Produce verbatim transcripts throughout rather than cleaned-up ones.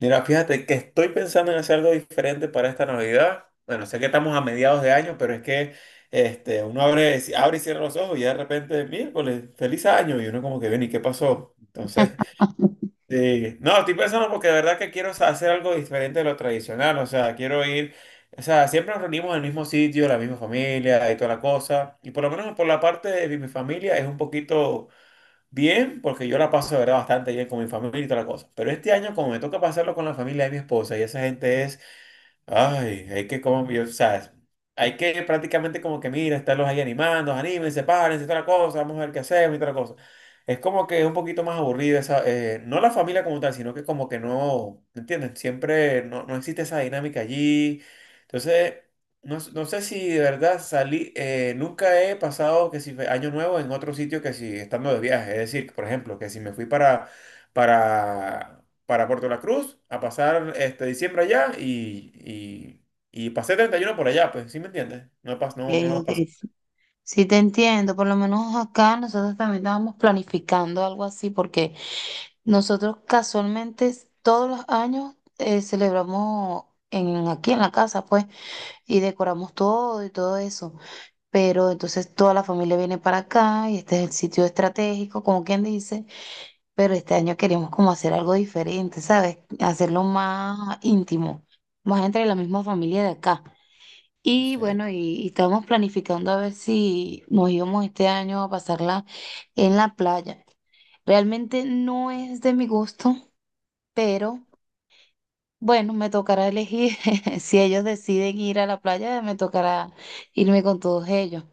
Mira, fíjate que estoy pensando en hacer algo diferente para esta Navidad. Bueno, sé que estamos a mediados de año, pero es que este, uno abre, si, abre y cierra los ojos y ya de repente, miércoles, feliz año. Y uno como que, ven, ¿y qué pasó? Entonces, sí. No, estoy pensando porque de verdad que quiero hacer algo diferente de lo tradicional. O sea, quiero ir, o sea, siempre nos reunimos en el mismo sitio, la misma familia y toda la cosa. Y por lo menos por la parte de mi familia es un poquito... Bien, porque yo la paso de verdad bastante bien con mi familia y toda la cosa. Pero este año, como me toca pasarlo con la familia de mi esposa, y esa gente es Ay, hay que como, yo, o sea, hay que prácticamente como que mira, estarlos ahí animando, anímense, párense, toda la cosa, vamos a ver qué hacemos y toda la cosa. Es como que es un poquito más aburrido esa, eh, no la familia como tal, sino que como que no, ¿me entiendes? Siempre no, no existe esa dinámica allí. Entonces, no, s- no sé si de verdad salí, eh, nunca he pasado que si fue año nuevo en otro sitio que si estando de viaje. Es decir, por ejemplo, que si me fui para, para para Puerto La Cruz a pasar este diciembre allá y, y, y pasé treinta y uno por allá, pues, ¿sí me entiendes? No pasa, no, Okay, no me ok, pasa. sí, sí te entiendo. Por lo menos acá nosotros también estábamos planificando algo así, porque nosotros casualmente s- todos los años eh, celebramos en, aquí en la casa, pues, y decoramos todo y todo eso, pero entonces toda la familia viene para acá y este es el sitio estratégico, como quien dice. Pero este año queríamos como hacer algo diferente, ¿sabes? Hacerlo más íntimo, más entre la misma familia de acá. Y Sí. bueno, y, y estábamos planificando a ver si nos íbamos este año a pasarla en la playa. Realmente no es de mi gusto, pero bueno, me tocará elegir. Si ellos deciden ir a la playa, me tocará irme con todos ellos.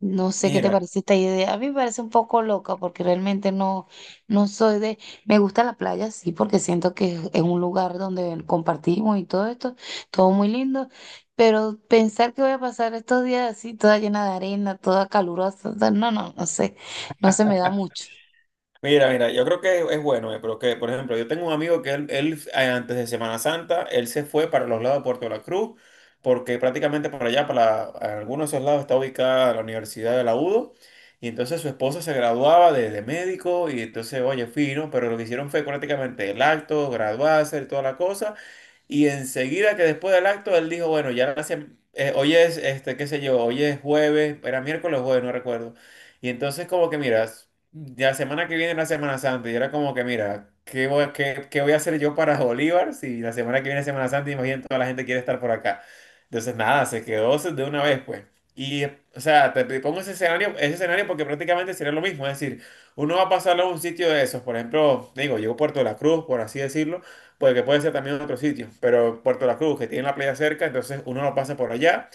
No sé qué te Mira, parece esta idea. A mí me parece un poco loca porque realmente no, no soy de... Me gusta la playa, sí, porque siento que es es un lugar donde compartimos y todo esto, todo muy lindo, pero pensar que voy a pasar estos días así, toda llena de arena, toda calurosa, o sea, no, no, no sé, no se me da mucho. mira, mira, yo creo que es bueno, eh, pero que, por ejemplo, yo tengo un amigo que él, él, eh, antes de Semana Santa, él se fue para los lados de Puerto La Cruz, porque prácticamente por allá, para algunos de esos lados, está ubicada la Universidad de la U D O, y entonces su esposa se graduaba de, de médico, y entonces, oye, fino, pero lo que hicieron fue prácticamente el acto, graduarse y toda la cosa. Y enseguida que después del acto, él dijo, bueno, ya hace, eh, hoy es, este, qué sé yo, hoy es jueves, era miércoles o jueves, no recuerdo. Y entonces como que, mira, s- la semana que viene es la Semana Santa, y era como que, mira, ¿qué voy, qué, qué voy a hacer yo para Bolívar si la semana que viene es Semana Santa? Imagínate, toda la gente quiere estar por acá. Entonces, nada, se quedó de una vez, pues. Y, o sea, te, te pongo ese escenario, ese escenario porque prácticamente sería lo mismo, es decir, uno va a pasarlo a un sitio de esos, por ejemplo, digo, llegó a Puerto de la Cruz, por así decirlo, porque puede ser también en otro sitio, pero Puerto La Cruz, que tiene la playa cerca, entonces uno lo pasa por allá,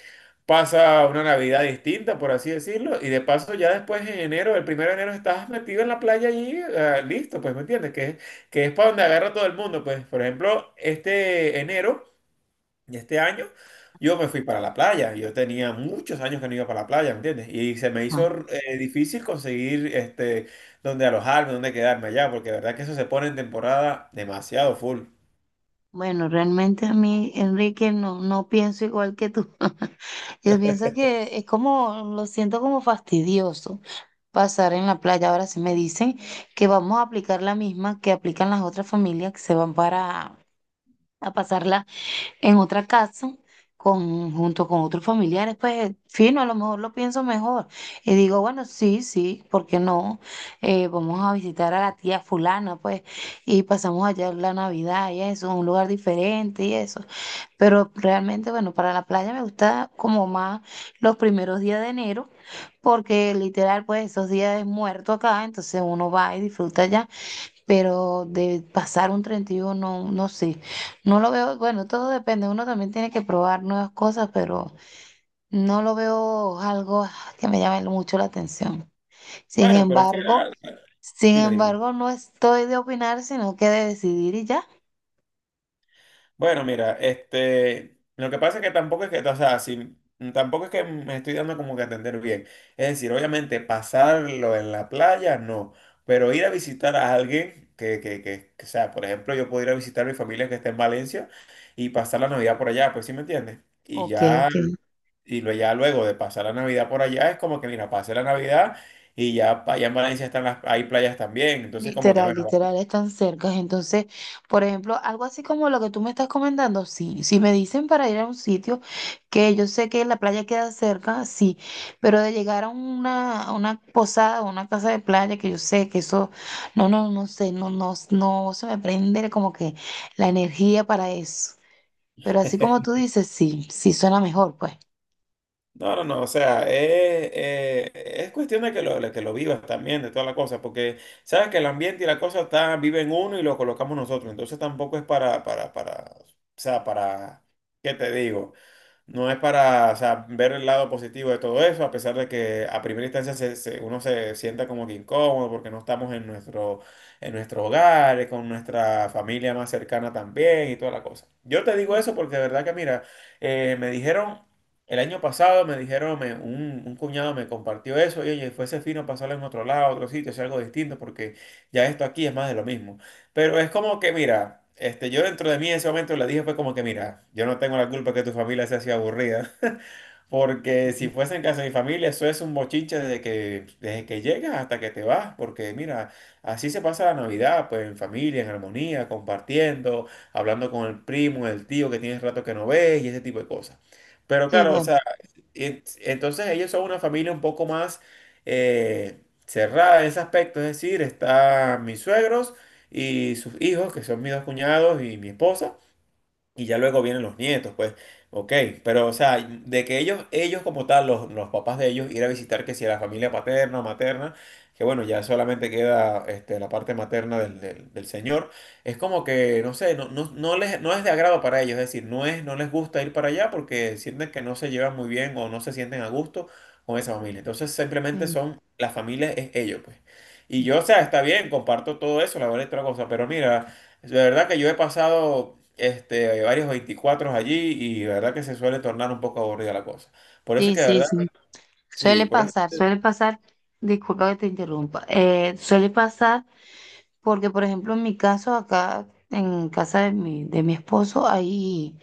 pasa una Navidad distinta, por así decirlo, y de paso ya después en enero, el primero de enero estás metido en la playa y ah, listo, pues, ¿me entiendes? Que, es- que es para donde agarra todo el mundo, pues, por ejemplo, este enero y este año, yo me fui para la playa, yo tenía muchos años que no iba para la playa, ¿me entiendes? Y se me hizo eh, difícil conseguir este, donde alojarme, donde quedarme allá, porque de verdad que eso se pone en temporada demasiado full. Bueno, realmente a mí, Enrique, no, no pienso igual que tú. Yo pienso que es como, lo siento como fastidioso pasar en la playa. Ahora sí me dicen que vamos a aplicar la misma que aplican las otras familias que se van para a pasarla en otra casa con, junto con otros familiares, pues fino, a lo mejor lo pienso mejor. Y digo, bueno, sí, sí, ¿por qué no? Eh, vamos a visitar a la tía fulana, pues, y pasamos allá la Navidad y eso, un lugar diferente y eso. Pero realmente, bueno, para la playa me gusta como más los primeros días de enero, porque literal, pues esos días es muerto acá, entonces uno va y disfruta allá, pero de pasar un treinta y uno no, no sé, no lo veo. Bueno, todo depende, uno también tiene que probar nuevas cosas, pero no lo veo algo que me llame mucho la atención. Sin Bueno, pero es que, ah, embargo, sin dime, dime. embargo, no estoy de opinar, sino que de decidir y ya. Bueno, mira, este, lo que pasa es que tampoco es que, o sea, si, tampoco es que me estoy dando como que a entender bien. Es decir, obviamente pasarlo en la playa, no, pero ir a visitar a alguien que, que, que, que, o sea, por ejemplo, yo puedo ir a visitar a mi familia que está en Valencia y pasar la Navidad por allá, pues sí me entiendes. Y Ok, ya, ok. y lo, ya luego de pasar la Navidad por allá, es como que, mira, pasé la Navidad y ya pa- allá en Valencia están las, hay playas también, entonces como que, Literal, bueno. literal, están cerca. Entonces, por ejemplo, algo así como lo que tú me estás comentando, sí. Si me dicen para ir a un sitio que yo sé que la playa queda cerca, sí. Pero de llegar a una, a una posada o una casa de playa que yo sé que eso, no, no, no sé, no, no, no se me prende como que la energía para eso. Pero así como tú dices, sí, sí suena mejor, pues. No, no, no, o sea, eh, eh, es cuestión de que lo, de que lo vivas también, de toda la cosa, porque sabes que el ambiente y la cosa está, vive en uno y lo colocamos nosotros, entonces tampoco es para, para, para, o sea, para, ¿qué te digo? No es para, o sea, ver el lado positivo de todo eso, a pesar de que a primera instancia se- se- uno se sienta como que incómodo porque no estamos en nuestro, en nuestro hogar, eh, con nuestra familia más cercana también y toda la cosa. Yo te digo eso porque de verdad que, mira, eh, me dijeron, el año pasado me dijeron, me- un, un cuñado me compartió eso y oye, fuese fino pasarlo en otro lado, otro sitio, hacer algo distinto porque ya esto aquí es más de lo mismo. Pero es como que, mira, este, yo dentro de mí en ese momento le dije, fue como que, mira, yo no tengo la culpa que tu familia sea así aburrida, porque si fuese en casa de mi familia, eso es un bochinche desde que, desde que llegas hasta que te vas, porque mira, así se pasa la Navidad, pues en familia, en armonía, compartiendo, hablando con el primo, el tío que tienes rato que no ves y ese tipo de cosas. Pero Sí, claro, o bueno, sea, y entonces ellos son una familia un poco más eh, cerrada en ese aspecto, es decir, están mis suegros y sus hijos, que son mis dos cuñados y mi esposa. Y ya luego vienen los nietos, pues, ok, pero o sea, de que ellos, ellos como tal, los, los papás de ellos, ir a visitar que si a la familia paterna o materna, que bueno, ya solamente queda este, la parte materna del, del, del señor, es como que, no sé, no, no, no les, no es de agrado para ellos, es decir, no es, no les gusta ir para allá porque sienten que no se llevan muy bien o no se sienten a gusto con esa familia. Entonces simplemente sí, son, la familia es ellos, pues. Y yo, o sea, está bien, comparto todo eso, la verdad, otra cosa, pero mira. De verdad que yo he pasado este, hay varios veinticuatro allí y de verdad que se suele tornar un poco aburrida la cosa. Por eso sí, que de sí. verdad, Sí. sí, Suele por el- pasar, suele pasar, disculpa que te interrumpa, eh, suele pasar porque, por ejemplo, en mi caso, acá en casa de mi, de mi esposo, hay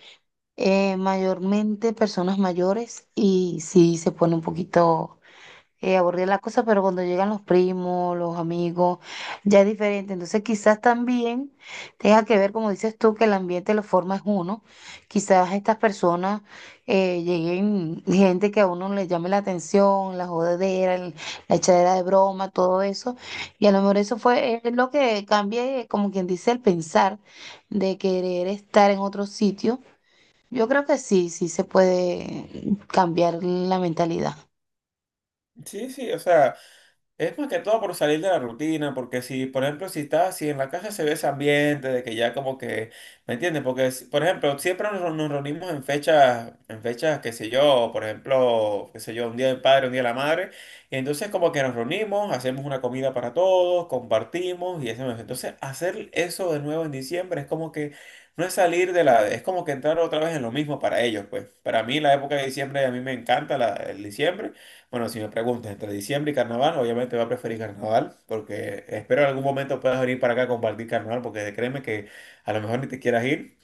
eh, mayormente personas mayores y sí se pone un poquito eh, aburrida la cosa, pero cuando llegan los primos, los amigos, ya es diferente. Entonces quizás también tenga que ver, como dices tú, que el ambiente lo forma es uno. Quizás estas personas eh, lleguen gente que a uno le llame la atención, la jodedera, el- la echadera de broma, todo eso. Y a lo mejor eso fue es lo que cambia, eh, como quien dice, el pensar de querer estar en otro sitio. Yo creo que sí, sí se puede cambiar la mentalidad. sí, sí, o sea, es más que todo por salir de la rutina, porque si, por ejemplo, si estás, si en la casa se ve ese ambiente de que ya como que, ¿me entiendes? Porque, si- por ejemplo, siempre nos, nos reunimos en fechas, en fechas, qué sé yo, por ejemplo, qué sé yo, un día del padre, un día de la madre, y entonces como que nos reunimos, hacemos una comida para todos, compartimos y hacemos. Entonces, hacer eso de nuevo en diciembre es como que no es salir de la, es como que entrar otra vez en lo mismo para ellos, pues. Para mí la época de diciembre, a mí me encanta la, el diciembre. Bueno, si me preguntas entre diciembre y carnaval, obviamente va a preferir carnaval, porque espero en algún momento puedas venir para acá a compartir carnaval, porque créeme que a lo mejor ni te quieras ir,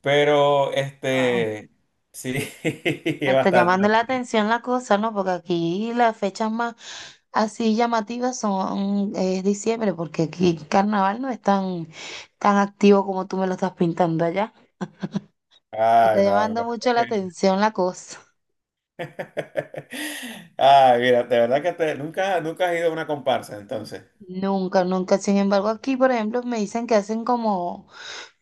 pero este, sí, es Me está bastante. llamando la atención la cosa, ¿no? Porque aquí las fechas más así llamativas son es diciembre, porque aquí carnaval no es tan, tan activo como tú me lo estás pintando allá. Me Ay, está no, llamando no. mucho la atención la cosa. Ay, mira, de verdad que te- nunca, nunca has ido a una comparsa, entonces. Nunca, nunca. Sin embargo, aquí, por ejemplo, me dicen que hacen como,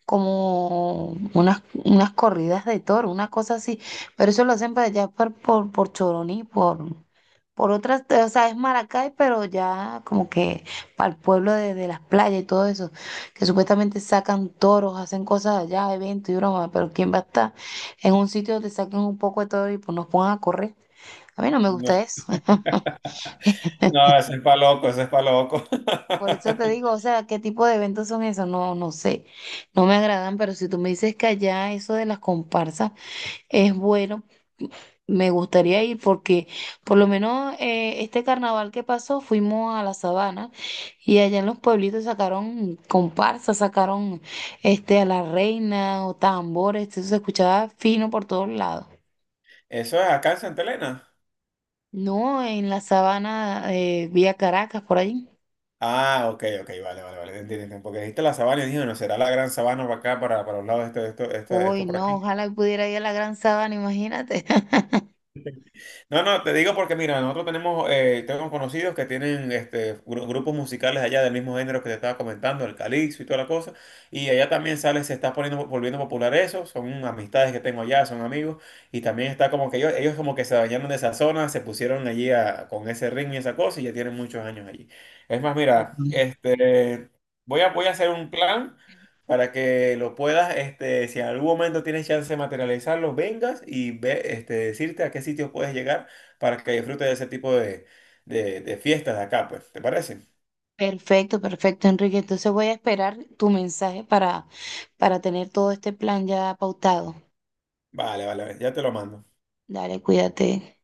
como unas, unas corridas de toro, una cosa así. Pero eso lo hacen para allá por, por, por Choroní, por, por otras, o sea, es Maracay, pero ya como que para el pueblo de, de las playas y todo eso, que supuestamente sacan toros, hacen cosas allá, eventos y broma, pero ¿quién va a estar en un sitio donde saquen un poco de todo y pues nos pongan a correr? A mí no me No, gusta eso. no, eso es pa' loco, eso es pa' loco. Por eso te digo, o sea, ¿qué tipo de eventos son esos? No, no sé, no me agradan, pero si tú me dices que allá eso de las comparsas es bueno, me gustaría ir porque por lo menos eh, este carnaval que pasó fuimos a la sabana y allá en los pueblitos sacaron comparsas, sacaron este a la reina o tambores, eso se escuchaba fino por todos lados. Eso es acá en Santa Elena. No, en la sabana eh, vía Caracas, por allí. Ah, ok, ok, vale, vale, vale, entiendo, entiendo, porque dijiste la sabana y dije, no, será la gran sabana para acá, para, para los lados, esto, esto, esto, Uy, esto por no, aquí. ojalá pudiera ir a la Gran Sabana, imagínate. No, no, te digo porque mira, nosotros tenemos, eh, tenemos conocidos que tienen este, gru- grupos musicales allá del mismo género que te estaba comentando, el calipso y toda la cosa, y allá también sale, se está poniendo, volviendo popular eso, son amistades que tengo allá, son amigos, y también está como que ellos, ellos como que se bañaron de esa zona, se pusieron allí a- con ese ritmo y esa cosa, y ya tienen muchos años allí. Es más, mira, este... Voy a, voy a hacer un plan. Para que lo puedas, este, si en algún momento tienes chance de materializarlo, vengas y ve, este, decirte a qué sitios puedes llegar para que disfrutes de ese tipo de, de, de fiestas de acá, pues. ¿Te parece? Perfecto, perfecto, Enrique. Entonces voy a esperar tu mensaje para, para tener todo este plan ya pautado. Vale, vale, vale, ya te lo mando. Dale, cuídate.